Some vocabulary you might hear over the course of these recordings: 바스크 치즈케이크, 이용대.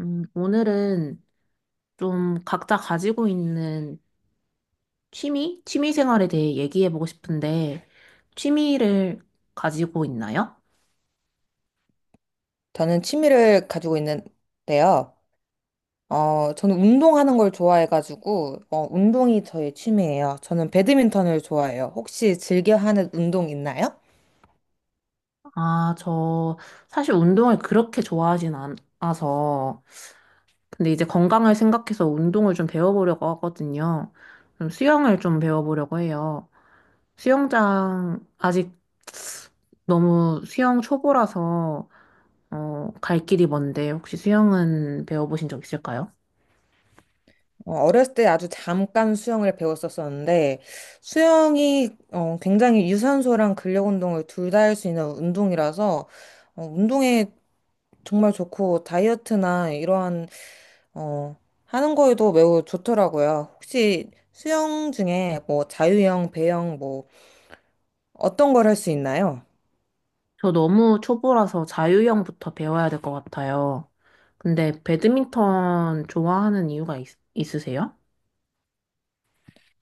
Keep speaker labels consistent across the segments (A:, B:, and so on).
A: 오늘은 좀 각자 가지고 있는 취미 생활에 대해 얘기해 보고 싶은데, 취미를 가지고 있나요?
B: 저는 취미를 가지고 있는데요. 저는 운동하는 걸 좋아해가지고, 운동이 저의 취미예요. 저는 배드민턴을 좋아해요. 혹시 즐겨 하는 운동 있나요?
A: 아, 저 사실 운동을 그렇게 좋아하진 않아서, 근데 이제 건강을 생각해서 운동을 좀 배워보려고 하거든요. 그럼 수영을 좀 배워보려고 해요. 수영장, 아직 너무 수영 초보라서, 갈 길이 먼데, 혹시 수영은 배워보신 적 있을까요?
B: 어렸을 때 아주 잠깐 수영을 배웠었었는데, 수영이 굉장히 유산소랑 근력 운동을 둘 다 할 수 있는 운동이라서, 운동에 정말 좋고, 다이어트나 이러한, 어, 하는 거에도 매우 좋더라고요. 혹시 수영 중에 뭐 자유형, 배영, 뭐 어떤 걸 할 수 있나요?
A: 저 너무 초보라서 자유형부터 배워야 될 것 같아요. 근데 배드민턴 좋아하는 이유가 있으세요?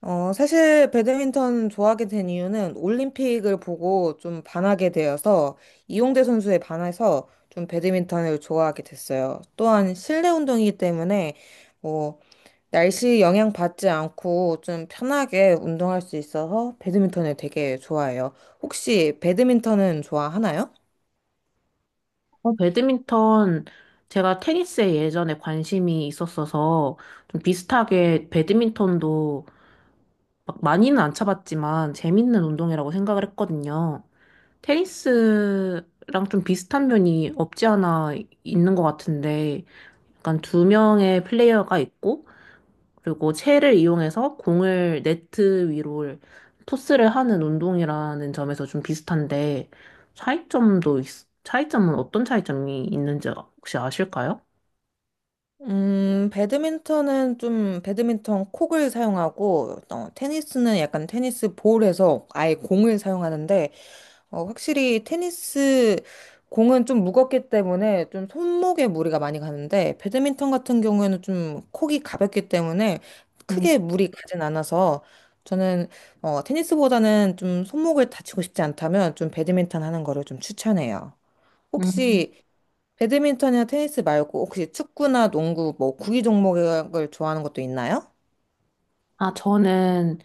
B: 사실 배드민턴 좋아하게 된 이유는 올림픽을 보고 좀 반하게 되어서 이용대 선수에 반해서 좀 배드민턴을 좋아하게 됐어요. 또한 실내 운동이기 때문에 뭐 날씨 영향 받지 않고 좀 편하게 운동할 수 있어서 배드민턴을 되게 좋아해요. 혹시 배드민턴은 좋아하나요?
A: 배드민턴, 제가 테니스에 예전에 관심이 있었어서 좀 비슷하게 배드민턴도 막 많이는 안 쳐봤지만 재밌는 운동이라고 생각을 했거든요. 테니스랑 좀 비슷한 면이 없지 않아 있는 것 같은데, 약간 두 명의 플레이어가 있고 그리고 체를 이용해서 공을 네트 위로 토스를 하는 운동이라는 점에서 좀 비슷한데, 차이점도 있, 차이점은 어떤 차이점이 있는지 혹시 아실까요?
B: 배드민턴은 좀 배드민턴 콕을 사용하고, 테니스는 약간 테니스 볼에서 아예 공을 사용하는데, 확실히 테니스 공은 좀 무겁기 때문에 좀 손목에 무리가 많이 가는데, 배드민턴 같은 경우에는 좀 콕이 가볍기 때문에
A: 음.
B: 크게 무리 가진 않아서, 저는 테니스보다는 좀 손목을 다치고 싶지 않다면 좀 배드민턴 하는 거를 좀 추천해요.
A: 음.
B: 혹시 배드민턴이나 테니스 말고 혹시 축구나 농구 뭐 구기 종목을 좋아하는 것도 있나요?
A: 아, 저는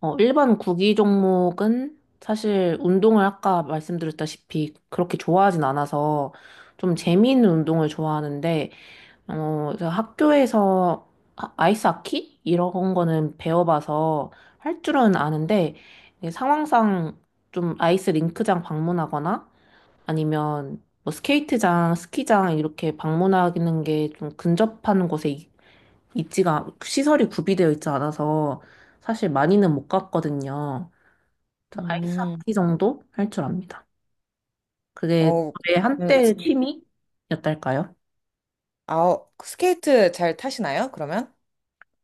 A: 일반 구기 종목은 사실 운동을 아까 말씀드렸다시피 그렇게 좋아하진 않아서 좀 재미있는 운동을 좋아하는데, 그래서 학교에서 아이스 하키? 이런 거는 배워봐서 할 줄은 아는데, 이게 상황상 좀 아이스 링크장 방문하거나 아니면 뭐 스케이트장, 스키장 이렇게 방문하는 게 좀 근접한 곳에 있지가, 시설이 구비되어 있지 않아서 사실 많이는 못 갔거든요. 저 아이스
B: 음,
A: 하키 정도 할 줄 압니다. 그게
B: 어,
A: 저의
B: 음,
A: 한때
B: 스키-
A: 취미였달까요?
B: 아, 스케이트 잘 타시나요? 그러면?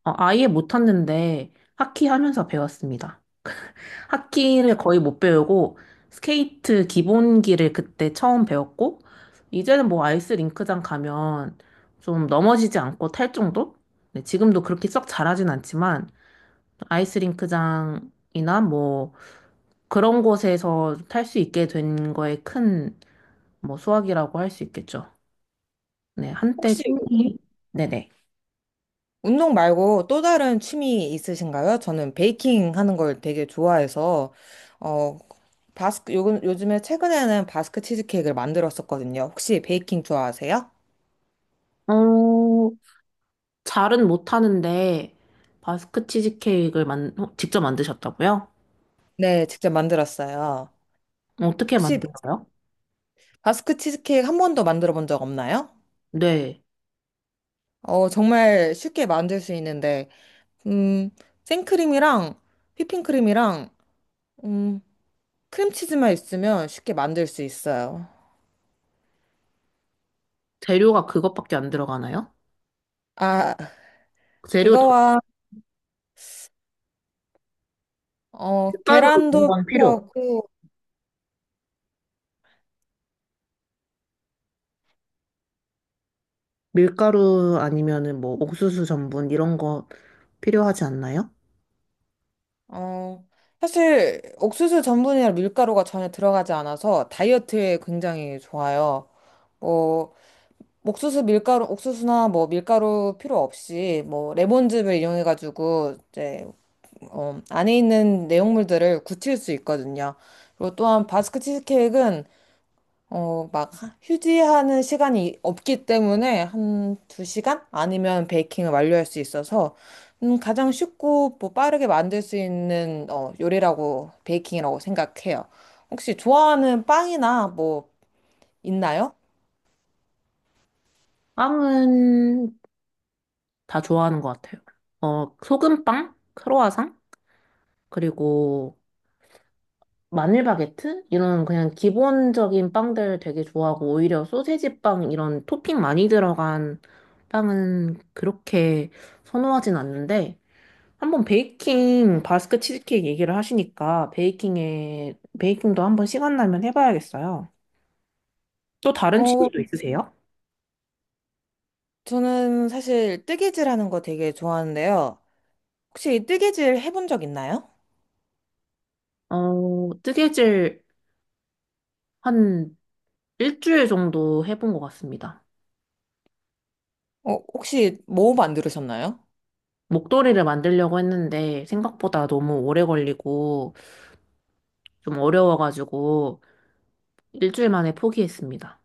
A: 아예 못 탔는데 하키 하면서 배웠습니다. 하키를 거의 못 배우고 스케이트 기본기를 그때 처음 배웠고 이제는 뭐 아이스 링크장 가면 좀 넘어지지 않고 탈 정도? 네, 지금도 그렇게 썩 잘하진 않지만 아이스 링크장이나 뭐 그런 곳에서 탈 수 있게 된 거에 큰 뭐 수확이라고 할 수 있겠죠. 네, 한때
B: 혹시 운-
A: 취미. 네네.
B: 운동 말고 또 다른 취미 있으신가요? 저는 베이킹 하는 걸 되게 좋아해서 어, 바스크 요즘에 최근에는 바스크 치즈케이크를 만들었었거든요. 혹시 베이킹 좋아하세요?
A: 어, 잘은 못하는데 바스크 치즈케이크를 직접 만드셨다고요?
B: 네, 직접 만들었어요.
A: 어떻게
B: 혹시
A: 만들어요?
B: 바스크 치즈케이크 한 번도 만들어 본 적 없나요?
A: 네.
B: 정말 쉽게 만들 수 있는데, 음, 생크림이랑 휘핑크림이랑, 음, 크림치즈만 있으면 쉽게 만들 수 있어요.
A: 재료가 그것밖에 안 들어가나요?
B: 아,
A: 재료 다
B: 그거와,
A: 밀가루 이런
B: 계란도
A: 건 필요 없,
B: 필요하고,
A: 밀가루 아니면은 뭐 옥수수 전분 이런 거 필요하지 않나요?
B: 어, 사실 옥수수 전분이나 밀가루가 전혀 들어가지 않아서 다이어트에 굉장히 좋아요. 뭐, 옥수수 밀가루, 옥수수나 뭐 밀가루 필요 없이 뭐 레몬즙을 이용해가지고 이제 안에 있는 내용물들을 굳힐 수 있거든요. 그리고 또한 바스크 치즈케이크는 막 휴지하는 시간이 없기 때문에 한 두시간 아니면 베이킹을 완료할 수 있어서 가장 쉽고 뭐 빠르게 만들 수 있는 요리라고 베이킹이라고 생각해요. 혹시 좋아하는 빵이나 뭐 있나요?
A: 빵은 다 좋아하는 것 같아요. 어, 소금빵, 크로와상, 그리고 마늘 바게트? 이런 그냥 기본적인 빵들 되게 좋아하고, 오히려 소세지 빵 이런 토핑 많이 들어간 빵은 그렇게 선호하진 않는데, 한번 베이킹 바스크 치즈케이크 얘기를 하시니까 베이킹에 베이킹도 한번 시간 나면 해봐야겠어요. 또 다른
B: 어,
A: 취미도 있으세요?
B: 저는 사실 뜨개질 하는 거 되게 좋아하는데요. 혹시 뜨개질 해본 적 있나요?
A: 어, 뜨개질 한 일주일 정도 해본 것 같습니다.
B: 혹시 뭐 만들으셨나요?
A: 목도리를 만들려고 했는데 생각보다 너무 오래 걸리고 좀 어려워가지고 일주일 만에 포기했습니다.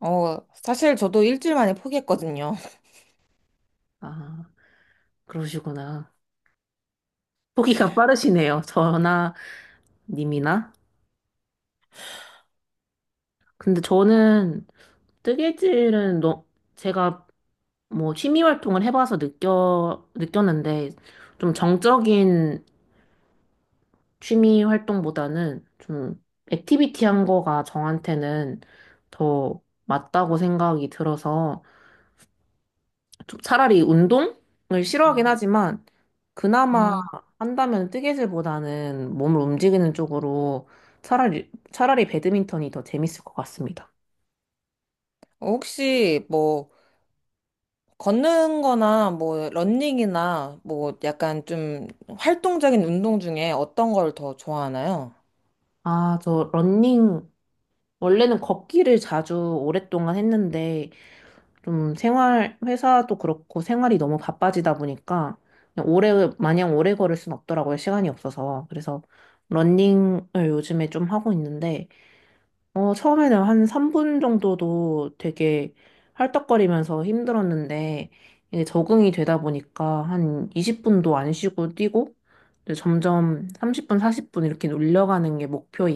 B: 사실 저도 일주일 만에 포기했거든요.
A: 아, 그러시구나. 포기가 빠르시네요. 저나 님이나. 근데 저는 뜨개질은 제가 뭐 취미 활동을 해봐서 느꼈는데 좀 정적인 취미 활동보다는 좀 액티비티한 거가 저한테는 더 맞다고 생각이 들어서, 차라리 운동을 싫어하긴
B: 음.
A: 하지만 그나마
B: 음,
A: 한다면 뜨개질보다는 몸을 움직이는 쪽으로 차라리 배드민턴이 더 재밌을 것 같습니다.
B: 혹시 뭐 걷는 거나 뭐 러닝이나 뭐 약간 좀 활동적인 운동 중에 어떤 걸 더 좋아하나요?
A: 아, 저 러닝 원래는 걷기를 자주 오랫동안 했는데 좀 생활 회사도 그렇고 생활이 너무 바빠지다 보니까 그냥 오래 마냥 오래 걸을 순 없더라고요. 시간이 없어서. 그래서 러닝을 요즘에 좀 하고 있는데, 처음에는 한 3분 정도도 되게 헐떡거리면서 힘들었는데, 이제 적응이 되다 보니까 한 20분도 안 쉬고 뛰고, 이제 점점 30분, 40분 이렇게 올려가는 게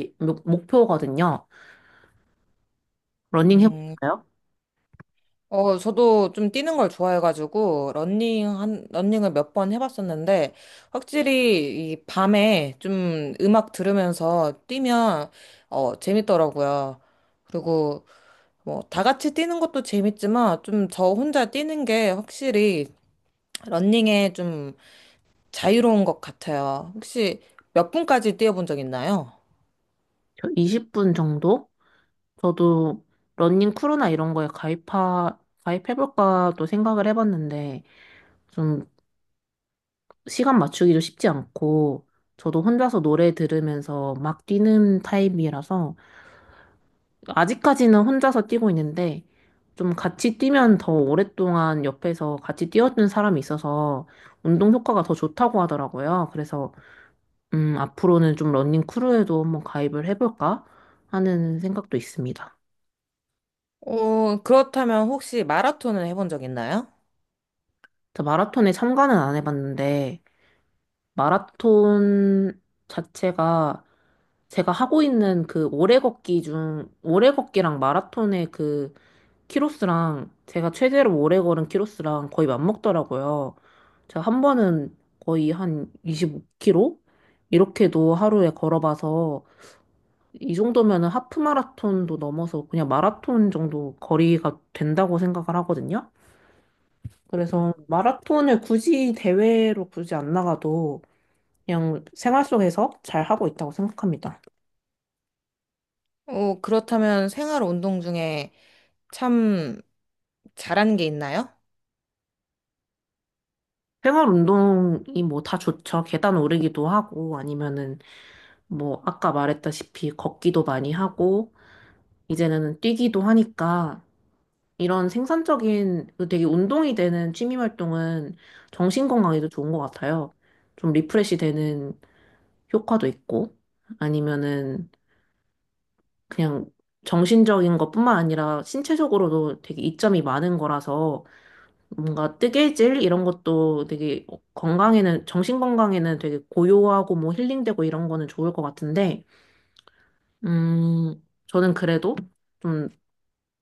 A: 목표거든요. 러닝
B: 음,
A: 해볼까요?
B: 저도 좀 뛰는 걸 좋아해가지고 러닝을 몇 번 해봤었는데 확실히 이 밤에 좀 음악 들으면서 뛰면 재밌더라고요. 그리고 뭐, 다 같이 뛰는 것도 재밌지만, 좀 저 혼자 뛰는 게 확실히 러닝에 좀 자유로운 것 같아요. 혹시 몇 분까지 뛰어본 적 있나요?
A: 저 20분 정도? 저도 러닝 크루나 이런 거에 가입해볼까도 생각을 해봤는데, 좀 시간 맞추기도 쉽지 않고, 저도 혼자서 노래 들으면서 막 뛰는 타입이라서 아직까지는 혼자서 뛰고 있는데, 좀 같이 뛰면 더 오랫동안 옆에서 같이 뛰어주는 사람이 있어서 운동 효과가 더 좋다고 하더라고요. 그래서 앞으로는 좀 러닝 크루에도 한번 가입을 해볼까 하는 생각도 있습니다.
B: 그렇다면 혹시 마라톤을 해본 적 있나요?
A: 저 마라톤에 참가는 안 해봤는데 마라톤 자체가 제가 하고 있는 그 오래 걷기 중 오래 걷기랑 마라톤의 그 키로스랑 제가 최대로 오래 걸은 키로스랑 거의 맞먹더라고요. 제가 한 번은 거의 한 25km 이렇게도 하루에 걸어봐서 이 정도면은 하프 마라톤도 넘어서 그냥 마라톤 정도 거리가 된다고 생각을 하거든요. 그래서 마라톤을 굳이 대회로 굳이 안 나가도 그냥 생활 속에서 잘 하고 있다고 생각합니다.
B: 그렇다면 생활 운동 중에 참 잘하는 게 있나요?
A: 생활 운동이 뭐 다 좋죠. 계단 오르기도 하고, 아니면은 뭐 아까 말했다시피 걷기도 많이 하고, 이제는 뛰기도 하니까 이런 생산적인 그 되게 운동이 되는 취미 활동은 정신 건강에도 좋은 것 같아요. 좀 리프레시 되는 효과도 있고, 아니면은 그냥 정신적인 것뿐만 아니라 신체적으로도 되게 이점이 많은 거라서 뭔가 뜨개질 이런 것도 되게 건강에는, 정신 건강에는 되게 고요하고 뭐 힐링되고 이런 거는 좋을 것 같은데, 음, 저는 그래도 좀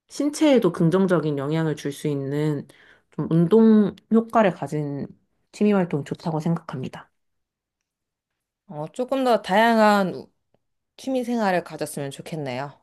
A: 신체에도 긍정적인 영향을 줄 수 있는 좀 운동 효과를 가진 취미 활동 좋다고 생각합니다.
B: 조금 더 다양한 취미 생활을 가졌으면 좋겠네요.